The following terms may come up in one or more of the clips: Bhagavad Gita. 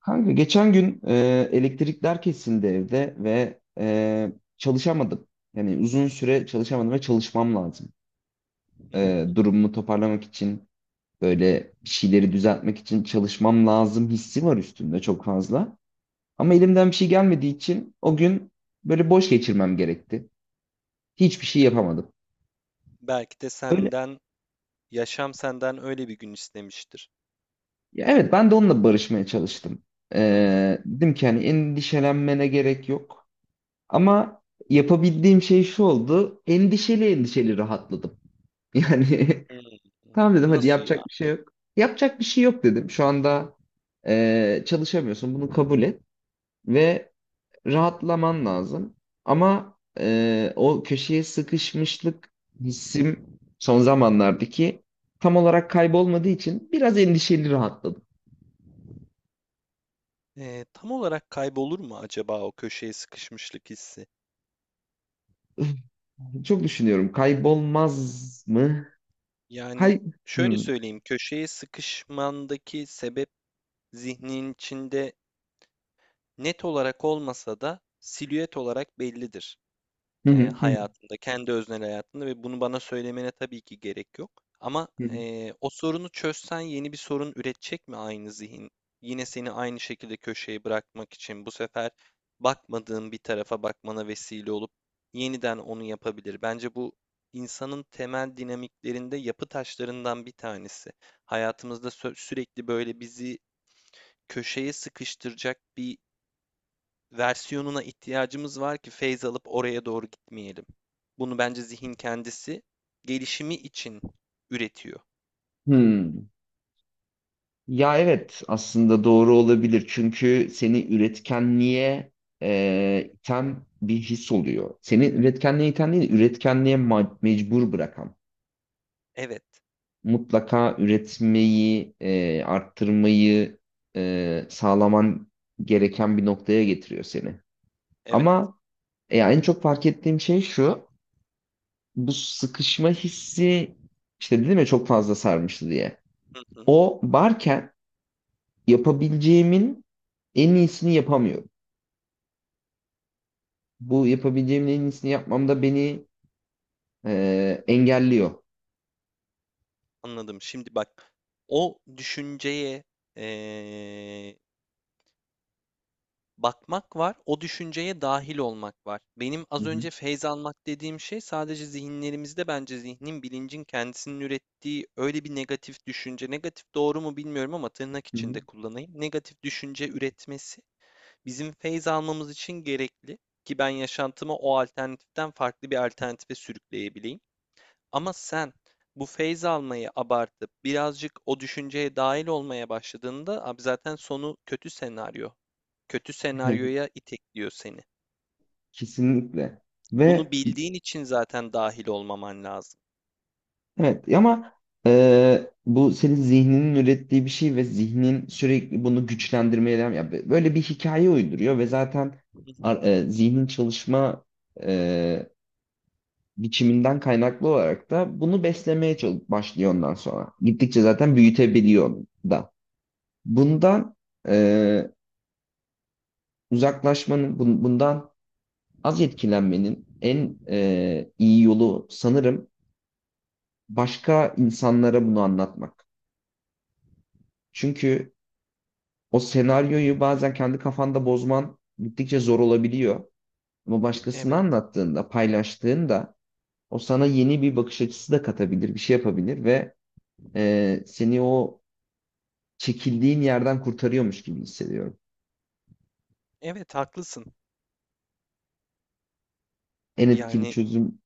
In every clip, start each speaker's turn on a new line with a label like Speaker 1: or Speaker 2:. Speaker 1: Kanka geçen gün elektrikler kesildi evde ve çalışamadım. Yani uzun süre çalışamadım ve çalışmam lazım.
Speaker 2: Hı hı.
Speaker 1: Durumumu toparlamak için böyle bir şeyleri düzeltmek için çalışmam lazım hissi var üstümde çok fazla. Ama elimden bir şey gelmediği için o gün böyle boş geçirmem gerekti. Hiçbir şey yapamadım.
Speaker 2: Belki de
Speaker 1: Böyle,
Speaker 2: senden, yaşam senden öyle bir gün istemiştir.
Speaker 1: ya evet ben de onunla barışmaya çalıştım.
Speaker 2: Hı hı.
Speaker 1: E, Dedim ki hani endişelenmene gerek yok. Ama yapabildiğim şey şu oldu. Endişeli endişeli rahatladım. Yani
Speaker 2: Hımm.
Speaker 1: tamam dedim hadi
Speaker 2: Nasıl
Speaker 1: yapacak
Speaker 2: ya?
Speaker 1: bir şey yok. Yapacak bir şey yok dedim. Şu anda çalışamıyorsun bunu kabul et ve rahatlaman lazım. Ama o köşeye sıkışmışlık hissim son zamanlardaki tam olarak kaybolmadığı için biraz endişeli rahatladım.
Speaker 2: Tam olarak kaybolur mu acaba o köşeye sıkışmışlık hissi?
Speaker 1: Üf, çok düşünüyorum kaybolmaz mı?
Speaker 2: Yani
Speaker 1: Kay...
Speaker 2: şöyle
Speaker 1: Hmm.
Speaker 2: söyleyeyim, köşeye sıkışmandaki sebep zihnin içinde net olarak olmasa da silüet olarak bellidir,
Speaker 1: Hı hı hı hı.
Speaker 2: hayatında, kendi öznel hayatında ve bunu bana söylemene tabii ki gerek yok. Ama,
Speaker 1: Hı.
Speaker 2: o sorunu çözsen yeni bir sorun üretecek mi aynı zihin? Yine seni aynı şekilde köşeye bırakmak için bu sefer bakmadığın bir tarafa bakmana vesile olup yeniden onu yapabilir. Bence bu insanın temel dinamiklerinde yapı taşlarından bir tanesi. Hayatımızda sürekli böyle bizi köşeye sıkıştıracak bir versiyonuna ihtiyacımız var ki feyz alıp oraya doğru gitmeyelim. Bunu bence zihin kendisi gelişimi için üretiyor.
Speaker 1: Hmm. Ya evet aslında doğru olabilir çünkü seni üretkenliğe iten bir his oluyor. Seni üretkenliğe iten değil, üretkenliğe mecbur bırakan.
Speaker 2: Evet,
Speaker 1: Mutlaka üretmeyi, arttırmayı sağlaman gereken bir noktaya getiriyor seni.
Speaker 2: evet.
Speaker 1: Ama en çok fark ettiğim şey şu, bu sıkışma hissi işte dedim ya çok fazla sarmıştı diye.
Speaker 2: Hı hı,
Speaker 1: O varken yapabileceğimin en iyisini yapamıyorum. Bu yapabileceğimin en iyisini yapmamda beni engelliyor.
Speaker 2: anladım. Şimdi bak, o düşünceye eee, bakmak var, o düşünceye dahil olmak var. Benim
Speaker 1: Hı
Speaker 2: az
Speaker 1: hı.
Speaker 2: önce feyz almak dediğim şey sadece zihinlerimizde bence zihnin, bilincin kendisinin ürettiği öyle bir negatif düşünce. Negatif doğru mu bilmiyorum ama tırnak
Speaker 1: Hı hı.
Speaker 2: içinde kullanayım. Negatif düşünce üretmesi bizim feyz almamız için gerekli ki ben yaşantımı o alternatiften farklı bir alternatife sürükleyebileyim. Ama sen bu feyz almayı abartıp birazcık o düşünceye dahil olmaya başladığında abi zaten sonu kötü senaryo. Kötü senaryoya itekliyor seni.
Speaker 1: Kesinlikle.
Speaker 2: Bunu
Speaker 1: Ve
Speaker 2: bildiğin için zaten dahil olmaman lazım.
Speaker 1: evet ama bu senin zihninin ürettiği bir şey ve zihnin sürekli bunu güçlendirmeye devam ya böyle bir hikaye uyduruyor ve zaten zihnin çalışma e, biçiminden kaynaklı olarak da bunu beslemeye başlıyor ondan sonra. Gittikçe zaten büyütebiliyor da. Bundan e, uzaklaşmanın bundan az etkilenmenin en iyi yolu sanırım başka insanlara bunu anlatmak. Çünkü o senaryoyu bazen kendi kafanda bozman gittikçe zor olabiliyor. Ama başkasına
Speaker 2: Evet.
Speaker 1: anlattığında, paylaştığında o sana yeni bir bakış açısı da katabilir, bir şey yapabilir ve seni o çekildiğin yerden kurtarıyormuş gibi hissediyorum.
Speaker 2: Evet haklısın.
Speaker 1: En etkili
Speaker 2: Yani
Speaker 1: çözüm.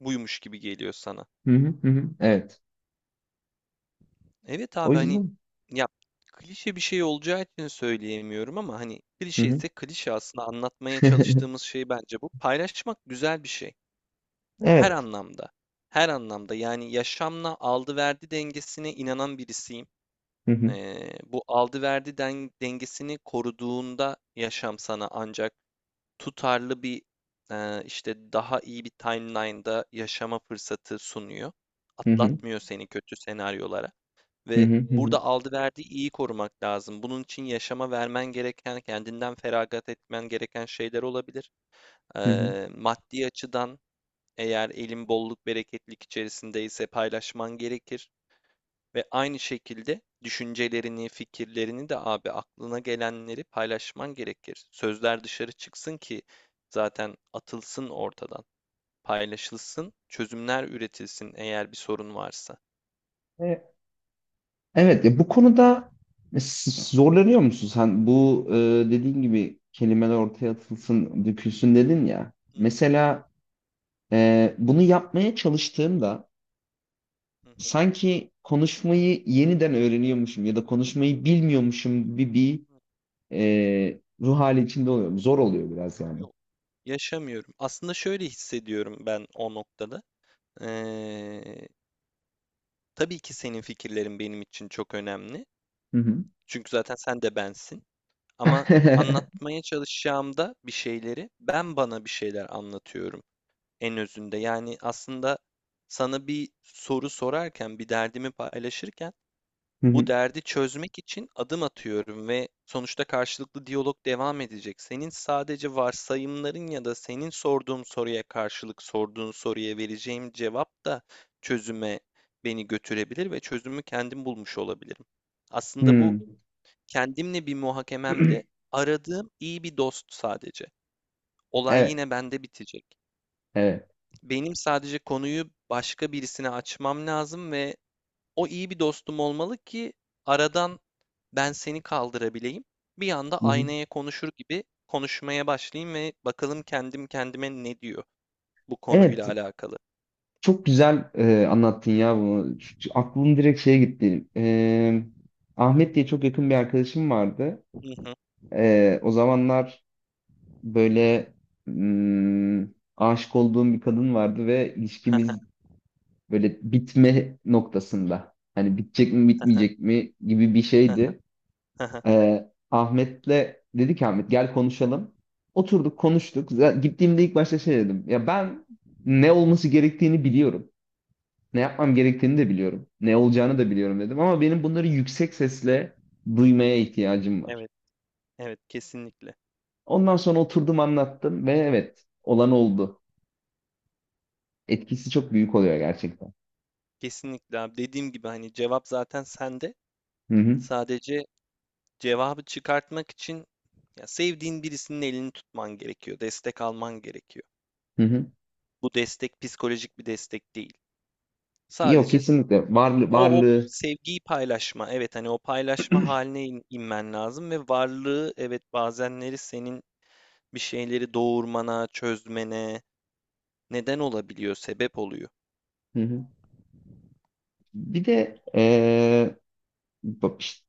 Speaker 2: buymuş gibi geliyor sana.
Speaker 1: Hı hı hı. Hı. Evet.
Speaker 2: Evet
Speaker 1: O
Speaker 2: abi hani
Speaker 1: yüzden.
Speaker 2: ya, klişe bir şey olacağı için söyleyemiyorum ama hani
Speaker 1: Hı
Speaker 2: klişe
Speaker 1: hı.
Speaker 2: ise klişe, aslında anlatmaya çalıştığımız şey bence bu. Paylaşmak güzel bir şey. Her
Speaker 1: Evet.
Speaker 2: anlamda. Her anlamda, yani yaşamla aldı verdi dengesine inanan birisiyim.
Speaker 1: Hı hı
Speaker 2: Bu aldı verdi dengesini koruduğunda yaşam sana ancak tutarlı bir, işte daha iyi bir timeline'da yaşama fırsatı sunuyor.
Speaker 1: hı hı
Speaker 2: Atlatmıyor seni kötü senaryolara.
Speaker 1: hı
Speaker 2: Ve
Speaker 1: hı hı.
Speaker 2: burada aldı verdiği iyi korumak lazım. Bunun için yaşama vermen gereken, kendinden feragat etmen gereken şeyler olabilir.
Speaker 1: Hı hı.
Speaker 2: Maddi açıdan eğer elin bolluk bereketlik içerisindeyse paylaşman gerekir. Ve aynı şekilde düşüncelerini, fikirlerini de abi aklına gelenleri paylaşman gerekir. Sözler dışarı çıksın ki zaten atılsın ortadan, paylaşılsın, çözümler üretilsin eğer bir sorun varsa.
Speaker 1: Evet. Evet ya bu konuda s- zorlanıyor musun sen? Bu dediğin gibi kelimeler ortaya atılsın, dökülsün dedin ya.
Speaker 2: Hı
Speaker 1: Mesela bunu yapmaya çalıştığımda
Speaker 2: hı hı.
Speaker 1: sanki konuşmayı yeniden öğreniyormuşum ya da konuşmayı bilmiyormuşum gibi bir ruh hali içinde oluyorum. Zor oluyor biraz yani.
Speaker 2: Yok. Yaşamıyorum. Aslında şöyle hissediyorum ben o noktada. Eee, tabii ki senin fikirlerin benim için çok önemli.
Speaker 1: Hı hı.
Speaker 2: Çünkü zaten sen de bensin. Ama anlatmaya çalışacağımda bir şeyleri, ben bana bir şeyler anlatıyorum en özünde. Yani aslında sana bir soru sorarken, bir derdimi paylaşırken
Speaker 1: Hı
Speaker 2: bu
Speaker 1: hı.
Speaker 2: derdi çözmek için adım atıyorum ve sonuçta karşılıklı diyalog devam edecek. Senin sadece varsayımların ya da senin sorduğum soruya karşılık sorduğun soruya vereceğim cevap da çözüme beni götürebilir ve çözümü kendim bulmuş olabilirim. Aslında bu
Speaker 1: Hı.
Speaker 2: kendimle bir muhakememde aradığım iyi bir dost sadece. Olay
Speaker 1: Evet,
Speaker 2: yine bende bitecek.
Speaker 1: evet.
Speaker 2: Benim sadece konuyu başka birisine açmam lazım ve o iyi bir dostum olmalı ki aradan ben seni kaldırabileyim. Bir anda
Speaker 1: Hı hı.
Speaker 2: aynaya konuşur gibi konuşmaya başlayayım ve bakalım kendim kendime ne diyor bu konuyla
Speaker 1: Evet,
Speaker 2: alakalı.
Speaker 1: çok güzel anlattın ya bunu. Aklım direkt şeye gitti. Ahmet diye çok yakın bir arkadaşım vardı.
Speaker 2: Hı hı.
Speaker 1: O zamanlar böyle hmm, aşık olduğum bir kadın vardı ve ilişkimiz böyle bitme noktasında. Hani bitecek mi bitmeyecek mi gibi bir şeydi. E, Ahmet'le dedi ki Ahmet gel konuşalım. Oturduk konuştuk. Gittiğimde ilk başta şey dedim. Ya ben ne olması gerektiğini biliyorum. Ne yapmam gerektiğini de biliyorum. Ne olacağını da biliyorum dedim ama benim bunları yüksek sesle duymaya ihtiyacım var.
Speaker 2: Evet, evet kesinlikle.
Speaker 1: Ondan sonra oturdum anlattım ve evet olan oldu. Etkisi çok büyük oluyor gerçekten.
Speaker 2: Kesinlikle abi. Dediğim gibi hani cevap zaten sende.
Speaker 1: Hı hı.
Speaker 2: Sadece cevabı çıkartmak için ya sevdiğin birisinin elini tutman gerekiyor. Destek alman gerekiyor.
Speaker 1: Hı hı.
Speaker 2: Bu destek psikolojik bir destek değil.
Speaker 1: Yok
Speaker 2: Sadece
Speaker 1: kesinlikle varlığı
Speaker 2: o, o
Speaker 1: varlığı.
Speaker 2: sevgiyi paylaşma. Evet hani o paylaşma haline inmen lazım ve varlığı, evet, bazenleri senin bir şeyleri doğurmana, çözmene neden olabiliyor, sebep oluyor.
Speaker 1: Hı hı. Bir de bak işte,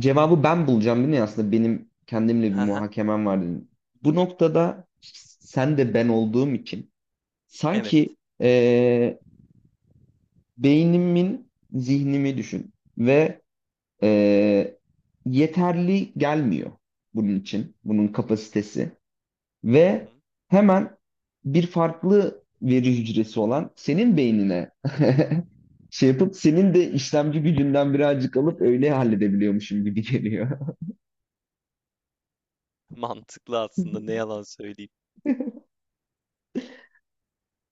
Speaker 1: cevabı ben bulacağım değil mi aslında benim kendimle bir
Speaker 2: Haha,
Speaker 1: muhakemem var dedim. Bu noktada sen de ben olduğum için
Speaker 2: evet.
Speaker 1: sanki beynimin zihnimi düşün ve e, yeterli gelmiyor bunun için bunun kapasitesi
Speaker 2: Hı
Speaker 1: ve
Speaker 2: hı.
Speaker 1: hemen bir farklı veri hücresi olan senin beynine şey yapıp senin de işlemci gücünden birazcık alıp öyle halledebiliyormuşum gibi geliyor.
Speaker 2: Mantıklı aslında, ne yalan söyleyeyim.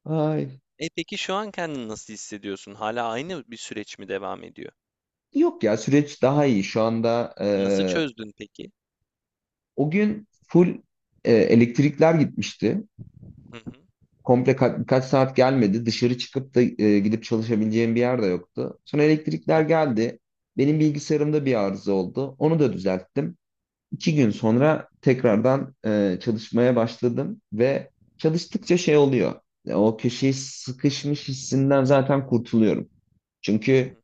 Speaker 1: Ay.
Speaker 2: E peki şu an kendini nasıl hissediyorsun? Hala aynı bir süreç mi devam ediyor?
Speaker 1: Yok ya süreç daha iyi. Şu anda
Speaker 2: Nasıl çözdün peki?
Speaker 1: o gün full elektrikler gitmişti.
Speaker 2: Hı hı.
Speaker 1: Komple birkaç saat gelmedi. Dışarı çıkıp da gidip çalışabileceğim bir yer de yoktu. Sonra
Speaker 2: Hı
Speaker 1: elektrikler
Speaker 2: hı.
Speaker 1: geldi. Benim bilgisayarımda bir arıza oldu. Onu da düzelttim. 2 gün sonra tekrardan çalışmaya başladım ve çalıştıkça şey oluyor. O köşeye sıkışmış hissinden zaten kurtuluyorum.
Speaker 2: Hı hı.
Speaker 1: Çünkü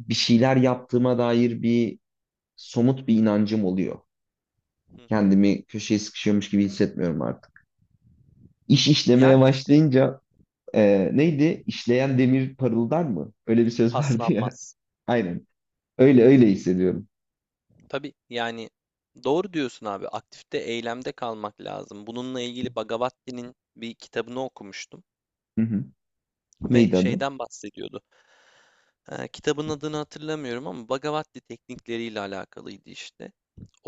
Speaker 1: bir şeyler yaptığıma dair bir somut bir inancım oluyor.
Speaker 2: Hı hı.
Speaker 1: Kendimi köşeye sıkışıyormuş gibi hissetmiyorum artık. İş işlemeye
Speaker 2: Yani işte
Speaker 1: başlayınca. Neydi? İşleyen demir parıldar mı? Öyle bir söz vardı ya.
Speaker 2: paslanmaz.
Speaker 1: Aynen. Öyle öyle hissediyorum.
Speaker 2: Tabii yani doğru diyorsun abi. Aktifte, eylemde kalmak lazım. Bununla ilgili Bhagavad bir kitabını okumuştum
Speaker 1: Hı hı.
Speaker 2: ve
Speaker 1: Neydi adı?
Speaker 2: şeyden bahsediyordu. Kitabın adını hatırlamıyorum ama Bhagavad teknikleriyle alakalıydı işte.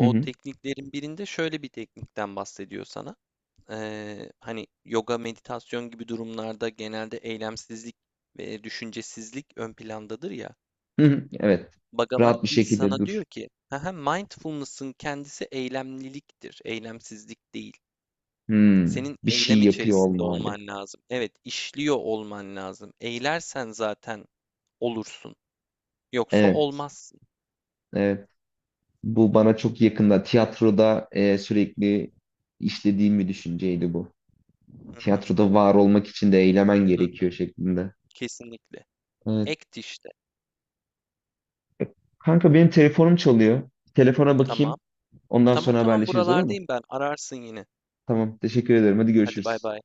Speaker 1: Hı hı.
Speaker 2: tekniklerin birinde şöyle bir teknikten bahsediyor sana. Hani yoga, meditasyon gibi durumlarda genelde eylemsizlik ve düşüncesizlik ön plandadır ya.
Speaker 1: Hı hı. Evet.
Speaker 2: Bhagavad
Speaker 1: Rahat bir
Speaker 2: Gita
Speaker 1: şekilde
Speaker 2: sana diyor
Speaker 1: dur.
Speaker 2: ki, "Haha, mindfulness'ın kendisi eylemliliktir, eylemsizlik değil.
Speaker 1: Hmm.
Speaker 2: Senin
Speaker 1: Bir şey
Speaker 2: eylem
Speaker 1: yapıyor
Speaker 2: içerisinde
Speaker 1: olma hali.
Speaker 2: olman lazım. Evet, işliyor olman lazım. Eylersen zaten olursun. Yoksa
Speaker 1: Evet.
Speaker 2: olmazsın.
Speaker 1: Evet. Bu bana çok yakında. Tiyatroda sürekli işlediğim bir düşünceydi bu.
Speaker 2: Hı hı,
Speaker 1: Tiyatroda var olmak için de eylemen
Speaker 2: hı hı,
Speaker 1: gerekiyor şeklinde.
Speaker 2: kesinlikle.
Speaker 1: Evet.
Speaker 2: Act işte.
Speaker 1: Kanka benim telefonum çalıyor. Telefona bakayım.
Speaker 2: Tamam.
Speaker 1: Ondan
Speaker 2: Tamam,
Speaker 1: sonra
Speaker 2: tamam,
Speaker 1: haberleşiriz olur mu?
Speaker 2: buralardayım ben. Ararsın yine.
Speaker 1: Tamam. Teşekkür ederim. Hadi
Speaker 2: Hadi bay
Speaker 1: görüşürüz.
Speaker 2: bay.